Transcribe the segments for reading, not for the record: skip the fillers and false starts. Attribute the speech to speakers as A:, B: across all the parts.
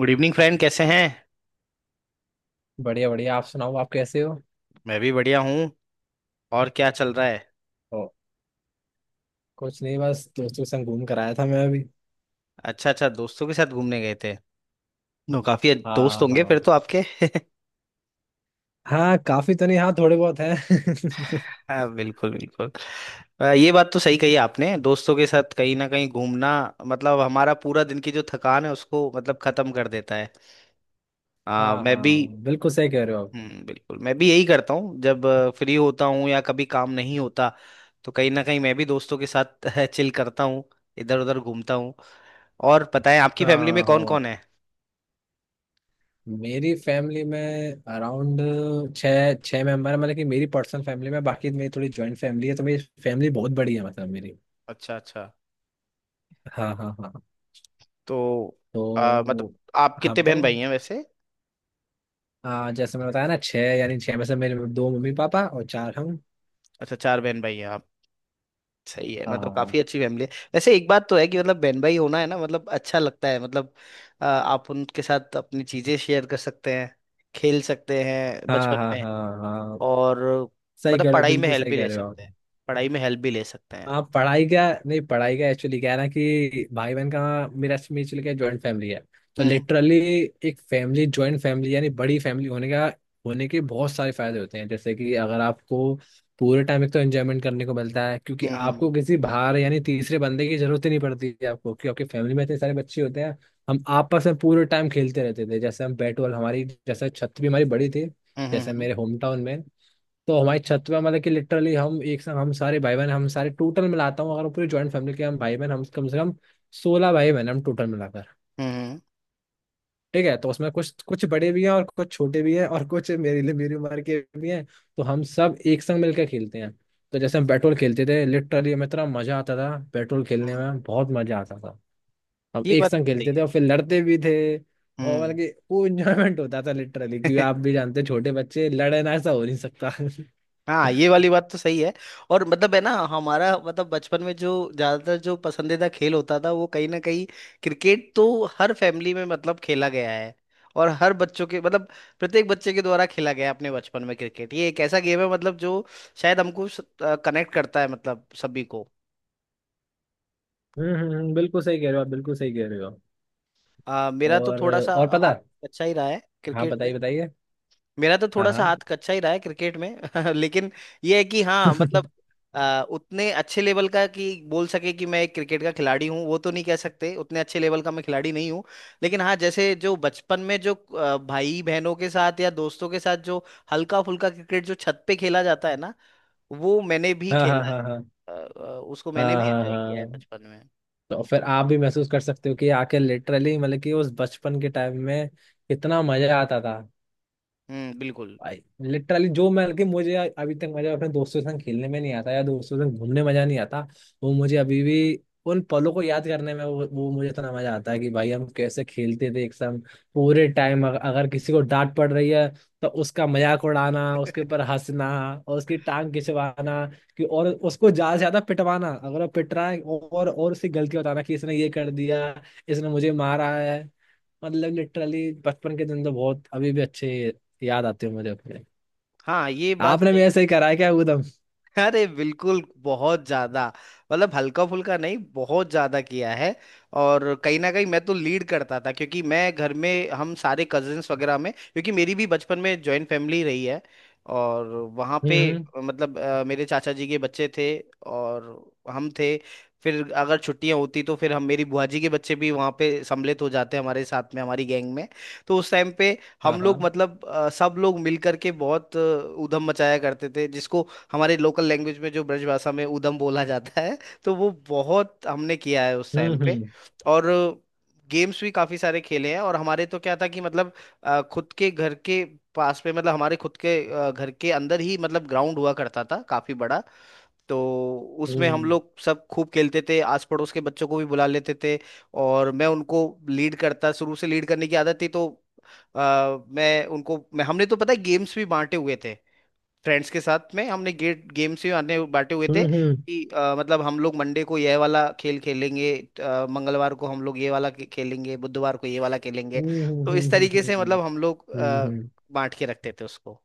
A: Good evening friend, कैसे हैं?
B: बढ़िया बढ़िया। आप सुनाओ, आप कैसे हो?
A: मैं भी बढ़िया हूँ। और क्या चल रहा है?
B: ओ। कुछ नहीं, बस दोस्तों के संग घूम कर आया था मैं अभी।
A: अच्छा अच्छा, दोस्तों के साथ घूमने गए थे। नो, काफी दोस्त
B: हाँ
A: होंगे फिर
B: हाँ।
A: तो आपके।
B: हाँ, काफी तो नहीं, हाँ थोड़े बहुत हैं।
A: हाँ, बिल्कुल बिल्कुल। ये बात तो सही कही आपने, दोस्तों के साथ कहीं ना कहीं घूमना मतलब हमारा पूरा दिन की जो थकान है उसको मतलब खत्म कर देता है।
B: हाँ
A: मैं भी।
B: हाँ, बिल्कुल सही कह रहे हो आप।
A: बिल्कुल, मैं भी यही करता हूँ जब फ्री होता हूँ या कभी काम नहीं होता, तो कहीं ना कहीं मैं भी दोस्तों के साथ चिल करता हूँ। इधर उधर घूमता हूँ। और पता है आपकी फैमिली में
B: हाँ
A: कौन
B: हो।
A: कौन है?
B: मेरी फैमिली में अराउंड छः छः मेंबर है, मतलब कि मेरी पर्सनल फैमिली में। बाकी मेरी थोड़ी जॉइंट फैमिली है, तो मेरी फैमिली बहुत बड़ी है, मतलब मेरी।
A: अच्छा अच्छा।
B: हाँ हाँ हाँ।
A: तो मतलब,
B: तो।
A: आप
B: हाँ
A: कितने बहन
B: बताओ।
A: भाई हैं वैसे?
B: हाँ, जैसे मैंने बताया ना छः, यानी छः में से मेरे दो मम्मी पापा और चार हम।
A: अच्छा, चार बहन भाई हैं आप। सही है,
B: हाँ हाँ
A: मतलब
B: हाँ।
A: काफी अच्छी फैमिली है। वैसे एक बात तो है कि मतलब बहन भाई होना है ना, मतलब अच्छा लगता है मतलब आप उनके साथ अपनी चीजें शेयर कर सकते हैं, खेल सकते हैं
B: हाँ
A: बचपन
B: हाँ
A: में।
B: हाँ हाँ,
A: और
B: सही
A: मतलब
B: कह रहे हो,
A: पढ़ाई में
B: बिल्कुल
A: हेल्प
B: सही
A: भी
B: कह
A: ले
B: रहे हो आप।
A: सकते हैं, पढ़ाई में हेल्प भी ले सकते हैं।
B: हाँ, पढ़ाई का। नहीं, पढ़ाई का एक्चुअली क्या है ना, कि भाई बहन का मेरा म्यूचुअल का जॉइंट फैमिली है। तो
A: हम्म,
B: लिटरली एक फैमिली, जॉइंट फैमिली, यानी बड़ी फैमिली होने का, होने के बहुत सारे फायदे होते हैं। जैसे कि अगर आपको पूरे टाइम एक तो एंजॉयमेंट करने को मिलता है, क्योंकि आपको
A: हम्म,
B: किसी बाहर, यानी तीसरे बंदे की जरूरत ही नहीं पड़ती है आपको, क्योंकि आपकी फैमिली में इतने सारे बच्चे होते हैं। हम आपस में पूरे टाइम खेलते रहते थे, जैसे हम बैट बॉल, हमारी जैसे छत भी हमारी बड़ी थी,
A: हम्म, हम्म, हम्म,
B: जैसे मेरे होम टाउन में। तो हमारी छत पे मतलब कि लिटरली हम एक साथ, हम सारे भाई बहन, हम सारे टोटल मिलाता हूँ अगर हम पूरी ज्वाइंट फैमिली के, हम भाई बहन हम कम से कम 16 भाई बहन हम टोटल मिलाकर।
A: हम्म, हम्म,
B: ठीक है, तो उसमें कुछ कुछ बड़े भी हैं और कुछ छोटे भी हैं और कुछ मेरे लिए मेरी उम्र के भी हैं, तो हम सब एक संग मिलकर खेलते हैं। तो जैसे हम पेट्रोल खेलते थे, लिटरली हमें इतना मजा आता था, पेट्रोल
A: हम्म,
B: खेलने
A: हम्म।
B: में बहुत मजा आता था। हम
A: ये
B: एक
A: बात
B: संग
A: सही
B: खेलते थे
A: है।
B: और फिर लड़ते भी थे। और
A: हम्म।
B: मतलब कि वो इंजॉयमेंट होता था लिटरली, क्योंकि आप भी जानते हैं, छोटे बच्चे लड़ना ऐसा हो नहीं सकता।
A: हाँ, ये वाली बात तो सही है। और मतलब है ना हमारा, मतलब बचपन में जो ज्यादातर जो पसंदीदा खेल होता था वो कहीं ना कहीं क्रिकेट, तो हर फैमिली में मतलब खेला गया है, और हर बच्चों के मतलब प्रत्येक बच्चे के द्वारा खेला गया है अपने बचपन में। क्रिकेट ये एक ऐसा गेम है मतलब जो शायद हमको कनेक्ट करता है मतलब सभी को।
B: बिल्कुल सही कह रहे हो आप, बिल्कुल सही कह रहे हो।
A: मेरा तो
B: और।
A: थोड़ा सा
B: और पता।
A: हाथ अच्छा ही रहा है
B: हाँ
A: क्रिकेट में,
B: बताइए बताइए।
A: मेरा तो
B: हाँ
A: थोड़ा सा हाथ
B: हाँ।
A: कच्चा ही रहा है क्रिकेट में। लेकिन ये है कि हाँ, मतलब उतने अच्छे लेवल का कि बोल सके कि मैं एक क्रिकेट का खिलाड़ी हूँ वो तो नहीं कह सकते, उतने अच्छे लेवल का मैं खिलाड़ी नहीं हूँ। लेकिन हाँ, जैसे जो बचपन में जो भाई बहनों के साथ या दोस्तों के साथ जो हल्का फुल्का क्रिकेट जो छत पे खेला जाता है ना, वो मैंने भी
B: हाँ हाँ
A: खेला
B: हाँ
A: है।
B: हाँ
A: आ, आ, उसको मैंने
B: हाँ
A: भी
B: हाँ
A: एंजॉय किया है
B: हाँ।
A: बचपन में।
B: तो फिर आप भी महसूस कर सकते हो कि आके लिटरली मतलब कि उस बचपन के टाइम में कितना मजा आता था।
A: हम्म, बिल्कुल।
B: भाई लिटरली, जो मैं, कि मुझे अभी तक मजा अपने दोस्तों के संग खेलने में नहीं आता या दोस्तों के संग घूमने में मजा नहीं आता, वो मुझे अभी भी, उन पलों को याद करने में, वो मुझे इतना मजा आता है कि भाई हम कैसे खेलते थे एक संग, पूरे टाइम। अगर किसी को डांट पड़ रही है, तो उसका मजाक उड़ाना, उसके ऊपर हंसना, और उसकी टांग खिंचवाना, कि और उसको ज्यादा से ज्यादा पिटवाना अगर वो पिट रहा है, और उसकी गलती बताना कि इसने ये कर दिया, इसने मुझे मारा है। मतलब लिटरली बचपन के दिन तो बहुत अभी भी अच्छे याद आते हो मुझे अपने।
A: हाँ, ये बात
B: आपने भी
A: सही।
B: ऐसे ही करा है क्या उदम?
A: अरे बिल्कुल, बहुत ज्यादा, मतलब हल्का फुल्का नहीं, बहुत ज्यादा किया है। और कहीं ना कहीं मैं तो लीड करता था, क्योंकि मैं घर में हम सारे कजिन्स वगैरह में, क्योंकि मेरी भी बचपन में जॉइंट फैमिली रही है। और वहाँ पे
B: हम्म।
A: मतलब मेरे चाचा जी के बच्चे थे, और हम थे। फिर अगर छुट्टियां होती तो फिर हम, मेरी बुआ जी के बच्चे भी वहाँ पे सम्मिलित हो जाते हमारे साथ में, हमारी गैंग में। तो उस टाइम पे
B: हाँ
A: हम लोग,
B: हाँ।
A: मतलब सब लोग मिल करके बहुत ऊधम मचाया करते थे, जिसको हमारे लोकल लैंग्वेज में जो ब्रजभाषा में ऊधम बोला जाता है। तो वो बहुत हमने किया है उस टाइम
B: हम्म
A: पे।
B: हम्म
A: और गेम्स भी काफी सारे खेले हैं, और हमारे तो क्या था कि मतलब खुद के घर के पास में, मतलब हमारे खुद के घर के अंदर ही मतलब ग्राउंड हुआ करता था काफी बड़ा। तो उसमें हम
B: हम्म
A: लोग सब खूब खेलते थे, आस पड़ोस के बच्चों को भी बुला लेते थे। और मैं उनको लीड करता, शुरू से लीड करने की आदत थी, तो अ, मैं उनको, मैं हमने तो पता है गेम्स भी बांटे हुए थे, फ्रेंड्स के साथ में हमने गेट गेम से आने बांटे हुए थे।
B: हम्म हम्म
A: कि मतलब हम लोग मंडे को यह वाला खेल खेलेंगे, मंगलवार को हम लोग ये वाला खेलेंगे, बुधवार को ये वाला खेलेंगे।
B: हम्म हम्म
A: तो
B: हम्म
A: इस
B: हम्म
A: तरीके से मतलब
B: हम्म,
A: हम लोग
B: हम्म, हम्म,
A: बांट के रखते थे उसको।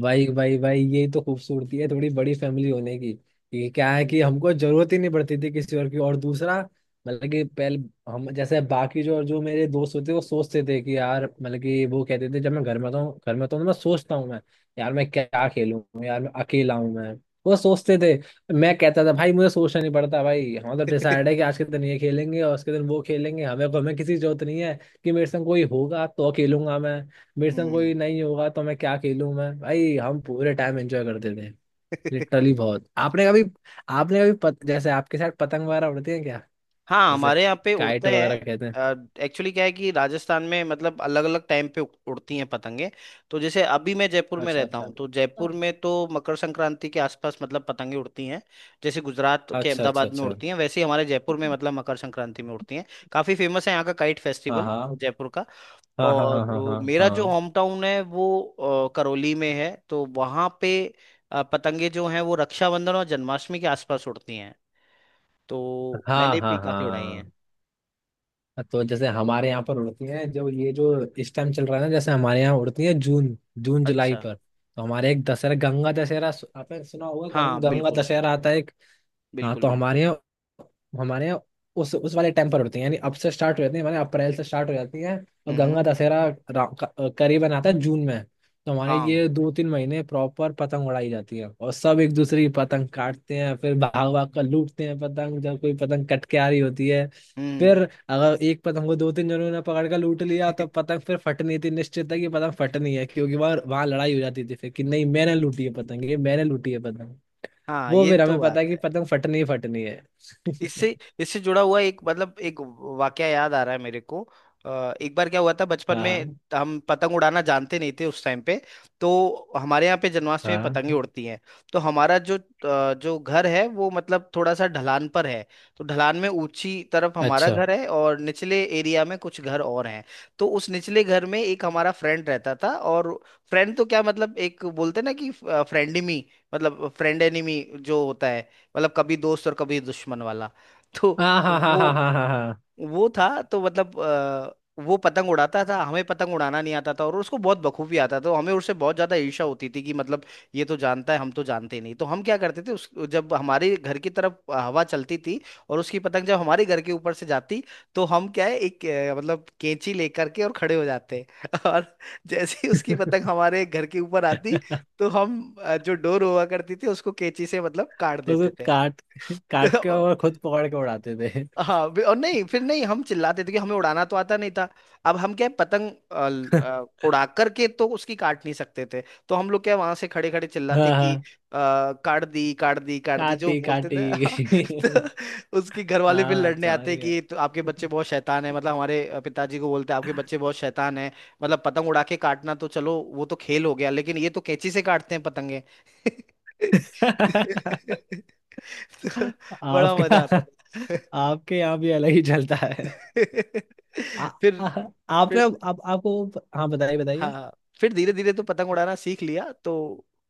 B: भाई भाई भाई, ये तो खूबसूरती है थोड़ी बड़ी फैमिली होने की। ये क्या है कि
A: बिल्कुल।
B: हमको जरूरत ही नहीं पड़ती थी किसी और की। और दूसरा, मतलब कि पहले, हम जैसे बाकी जो जो मेरे दोस्त होते, वो सोचते थे कि यार, मतलब कि वो कहते थे जब मैं घर में था, घर में था, तो मैं सोचता हूँ मैं, यार मैं क्या खेलूं, यार मैं अकेला हूँ मैं, वो सोचते थे। मैं कहता था भाई मुझे सोचना नहीं पड़ता, भाई हम तो डिसाइड है कि आज के दिन ये खेलेंगे और उसके दिन वो खेलेंगे, हमें हमें किसी की जरूरत नहीं है, कि मेरे संग कोई होगा तो खेलूंगा मैं, मेरे संग कोई
A: हम्म।
B: नहीं होगा तो मैं क्या खेलूं मैं। भाई हम पूरे टाइम एंजॉय करते थे लिटरली बहुत। आपने कभी जैसे आपके साथ पतंग वगैरह उड़ती है क्या,
A: हाँ,
B: जैसे
A: हमारे यहाँ पे
B: काइट
A: उड़ते
B: वगैरह
A: हैं।
B: कहते हैं?
A: एक्चुअली क्या है कि राजस्थान में मतलब अलग अलग टाइम पे उड़ती हैं पतंगे। तो जैसे अभी मैं जयपुर में
B: अच्छा
A: रहता
B: अच्छा,
A: हूँ, तो जयपुर में तो मकर संक्रांति के आसपास मतलब पतंगे उड़ती हैं। जैसे गुजरात के
B: अच्छा अच्छा
A: अहमदाबाद में
B: अच्छा।
A: उड़ती हैं, वैसे ही हमारे जयपुर में मतलब मकर संक्रांति में उड़ती हैं। काफ़ी फेमस है यहाँ का काइट
B: हाँ
A: फेस्टिवल,
B: हाँ
A: जयपुर का।
B: हाँ हाँ
A: और
B: हाँ,
A: वो
B: हाँ
A: मेरा जो
B: हाँ
A: होम टाउन है वो करौली में है, तो वहाँ पे पतंगे जो हैं वो रक्षाबंधन और जन्माष्टमी के आसपास उड़ती हैं। तो
B: हाँ
A: मैंने
B: हाँ
A: भी काफ़ी उड़ाई हैं।
B: हाँ हाँ। तो जैसे हमारे यहाँ पर उड़ती हैं, जो ये जो इस टाइम चल रहा है ना, जैसे हमारे यहाँ उड़ती हैं जून जून जुलाई
A: अच्छा।
B: पर। तो हमारे एक दशहरा, गंगा दशहरा, आपने सुना होगा,
A: हाँ,
B: गंगा
A: बिल्कुल
B: दशहरा आता है। हाँ,
A: बिल्कुल
B: तो
A: बिल्कुल।
B: हमारे यहाँ, हमारे यहाँ उस वाले टाइम पर होती है, यानी अब से स्टार्ट हो जाती है, हमारे यहाँ अप्रैल से स्टार्ट हो जाती है। और गंगा
A: हम्म।
B: दशहरा करीबन आता है जून में। तो हमारे
A: हाँ।
B: ये 2-3 महीने प्रॉपर पतंग उड़ाई जाती है और सब एक दूसरे की पतंग काटते हैं, फिर भाग भाग कर लूटते हैं पतंग जब कोई पतंग कट के आ रही होती है। फिर
A: हम्म।
B: अगर एक पतंग को दो तीन जनों ने पकड़ कर लूट लिया तो पतंग फिर फटनी थी, निश्चित है कि पतंग फटनी है, क्योंकि वहां वहां लड़ाई हो जाती थी, फिर कि नहीं मैंने लूटी है पतंग, ये मैंने लूटी है पतंग।
A: हाँ,
B: वो
A: ये
B: फिर
A: तो
B: हमें पता है
A: बात
B: कि
A: है।
B: पतंग फटनी ही फटनी है।
A: इससे इससे जुड़ा हुआ एक, मतलब एक वाकया याद आ रहा है मेरे को। एक बार क्या हुआ था बचपन में,
B: हाँ
A: हम पतंग उड़ाना जानते नहीं थे उस टाइम पे। तो हमारे यहाँ पे जन्माष्टमी में
B: हाँ।
A: पतंगे उड़ती हैं। तो हमारा जो जो घर है वो मतलब थोड़ा सा ढलान पर है। तो ढलान में ऊंची तरफ हमारा
B: अच्छा।
A: घर है, और निचले एरिया में कुछ घर और हैं। तो उस निचले घर में एक हमारा फ्रेंड रहता था, और फ्रेंड तो क्या, मतलब एक बोलते ना कि फ्रेंडमी, मतलब फ्रेंड एनिमी जो होता है, मतलब कभी दोस्त और कभी दुश्मन वाला। तो
B: हाँ हाँ हाँ
A: वो
B: हाँ हाँ हाँ
A: वो था तो मतलब वो पतंग उड़ाता था, हमें पतंग उड़ाना नहीं आता था, और उसको बहुत बखूबी आता था, तो हमें उससे बहुत ज्यादा ईर्ष्या होती थी कि मतलब, ये तो जानता है हम तो जानते नहीं, तो हम क्या करते थे उस, जब हमारे घर की तरफ हवा चलती थी और उसकी पतंग जब हमारे घर के ऊपर से जाती, तो हम क्या है, एक मतलब कैंची लेकर के और खड़े हो जाते और जैसे ही उसकी पतंग
B: हाँ।
A: हमारे घर के ऊपर आती, तो हम जो डोर हुआ करती थी उसको कैंची से मतलब काट
B: उसको
A: देते थे।
B: काट, काट के और खुद पकड़ के उड़ाते थे।
A: हाँ, और नहीं, फिर नहीं, हम चिल्लाते थे कि हमें उड़ाना तो आता नहीं था, अब हम क्या है, पतंग उड़ा करके तो उसकी काट नहीं सकते थे। तो हम लोग क्या, वहां से खड़े खड़े चिल्लाते
B: हाँ
A: कि अ,
B: हाँ,
A: काट दी, काट दी, काट दी, जो
B: काटी
A: बोलते थे,
B: काटी।
A: हाँ। तो उसके घर वाले फिर
B: हाँ,
A: लड़ने
B: समझ
A: आते
B: गया।
A: कि, तो आपके बच्चे बहुत शैतान है, मतलब हमारे पिताजी को बोलते, आपके बच्चे बहुत शैतान है, मतलब पतंग उड़ा के काटना तो चलो वो तो खेल हो गया, लेकिन ये तो कैंची से काटते हैं पतंगे। तो बड़ा मजा आता
B: आपका,
A: था।
B: आपके यहाँ भी अलग ही चलता है। आ,
A: फिर
B: आ, आपने
A: फिर
B: आप, आपको। हाँ बताइए
A: हाँ, फिर धीरे धीरे तो पतंग उड़ाना सीख लिया, तो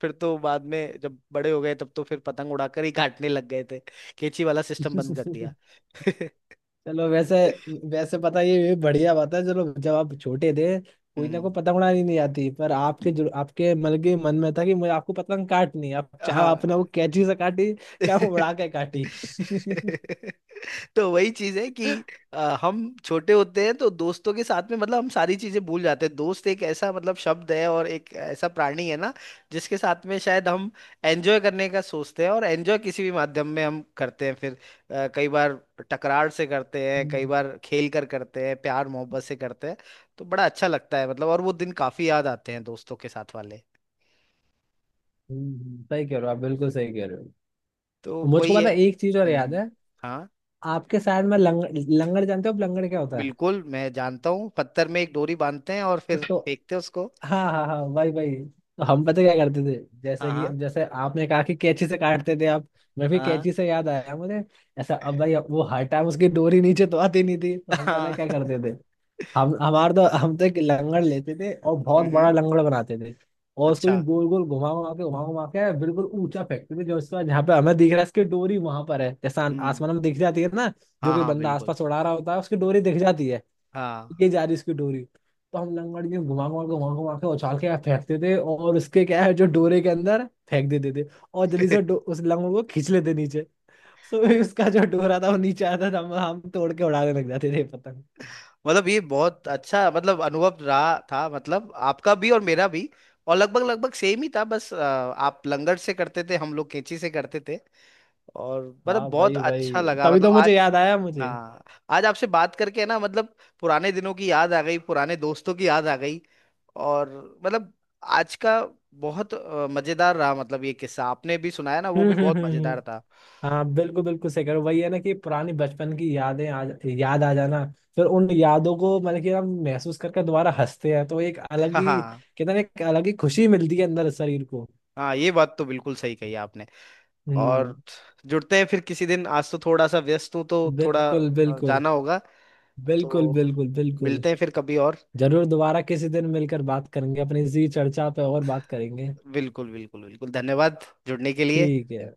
A: फिर तो बाद में जब बड़े हो गए तब तो फिर पतंग उड़ाकर ही काटने लग गए थे, कैंची वाला सिस्टम बंद कर
B: बताइए।
A: दिया।
B: चलो, वैसे, वैसे पता है, ये बढ़िया बात है। चलो, जब आप छोटे थे, कोई ना
A: हम्म,
B: कोई पतंग उड़ानी नहीं आती, पर आपके
A: हम्म,
B: जो, आपके मतलब कि मन में था कि मुझे, आपको पतंग काटनी है। आप चाहे
A: हाँ।
B: आपने वो कैंची से काटी, चाहे वो उड़ा के काटी।
A: तो वही चीज है कि हम छोटे होते हैं तो दोस्तों के साथ में मतलब हम सारी चीजें भूल जाते हैं। दोस्त एक ऐसा मतलब शब्द है और एक ऐसा प्राणी है ना, जिसके साथ में शायद हम एंजॉय करने का सोचते हैं, और एंजॉय किसी भी माध्यम में हम करते हैं फिर कई बार टकरार से करते हैं, कई
B: हम्म,
A: बार खेल कर करते हैं, प्यार मोहब्बत से करते हैं। तो बड़ा अच्छा लगता है मतलब, और वो दिन काफी याद आते हैं दोस्तों के साथ वाले।
B: सही कह रहे हो आप, बिल्कुल सही कह रहे हो।
A: तो
B: मुझको
A: वही है।
B: पता है, एक चीज और
A: हम्म,
B: याद है।
A: हाँ,
B: आपके साइड में लंगड़, लंगड़ जानते हो आप, लंगड़ क्या होता है?
A: बिल्कुल मैं जानता हूँ, पत्थर में एक डोरी बांधते हैं और फिर
B: तो,
A: फेंकते हैं उसको।
B: हाँ हाँ हाँ, भाई भाई। तो हम पता क्या करते थे,
A: हाँ,
B: जैसे कि
A: हाँ,
B: अब जैसे आपने कहा कि कैंची से काटते थे आप, मैं भी
A: हाँ,
B: कैंची से, याद आया मुझे। ऐसा, अब भाई अब वो हर टाइम उसकी डोरी नीचे तो आती नहीं थी, तो हम पता
A: हाँ।
B: क्या करते थे। हम हमारे तो हम तो एक लंगड़ लेते थे और बहुत
A: हम्म।
B: बड़ा लंगड़ बनाते थे। और उसको यूं
A: अच्छा।
B: गोल गोल घुमा घुमा के बिल्कुल ऊंचा फेंकते थे, जो उसका, जहाँ पे हमें दिख रहा है उसकी डोरी वहां पर है, जैसा
A: हम्म।
B: आसमान में दिख जाती है ना, जो
A: हाँ,
B: कोई
A: हाँ,
B: बंदा
A: बिल्कुल।
B: आसपास उड़ा रहा होता है उसकी डोरी दिख जाती है,
A: हाँ।
B: ये जा रही उसकी डोरी। तो हम लंगड़ यूं घुमा घुमा के उछाल के फेंकते थे, और उसके क्या है, जो डोरे के अंदर फेंक देते थे और जल्दी से उस लंगड़ को खींच लेते नीचे। सो उसका जो डोरा था वो नीचे आता था, हम तोड़ के उड़ाने लग जाते थे।
A: मतलब ये बहुत अच्छा मतलब अनुभव रहा था, मतलब आपका भी और मेरा भी, और लगभग लगभग सेम ही था, बस आप लंगड़ से करते थे, हम लोग कैंची से करते थे। और मतलब
B: हाँ
A: बहुत
B: भाई भाई,
A: अच्छा लगा
B: तभी
A: मतलब
B: तो मुझे
A: आज।
B: याद आया मुझे।
A: हाँ, आज आपसे बात करके है ना, मतलब पुराने दिनों की याद आ गई, पुराने दोस्तों की याद आ गई, और मतलब आज का बहुत मजेदार रहा, मतलब ये किस्सा आपने भी सुनाया ना, वो
B: हम्म
A: भी
B: हम्म
A: बहुत
B: हम्म, हम्म।
A: मजेदार था।
B: हाँ बिल्कुल बिल्कुल, सही करो, वही है ना कि पुरानी बचपन की यादें, आ याद आ जाना। फिर उन यादों को मतलब कि हम महसूस करके दोबारा हंसते हैं, तो एक अलग
A: हाँ,
B: ही,
A: हाँ।
B: कहते हैं ना, एक अलग ही खुशी मिलती है अंदर शरीर को।
A: हाँ, ये बात तो बिल्कुल सही कही आपने।
B: हम्म,
A: और जुड़ते हैं फिर किसी दिन, आज तो थोड़ा सा व्यस्त हूँ तो थोड़ा
B: बिल्कुल बिल्कुल,
A: जाना होगा,
B: बिल्कुल
A: तो
B: बिल्कुल बिल्कुल।
A: मिलते हैं फिर कभी और।
B: जरूर, दोबारा किसी दिन मिलकर बात करेंगे, अपनी इसी चर्चा पे और बात करेंगे।
A: बिल्कुल बिल्कुल बिल्कुल, धन्यवाद जुड़ने के लिए।
B: ठीक है।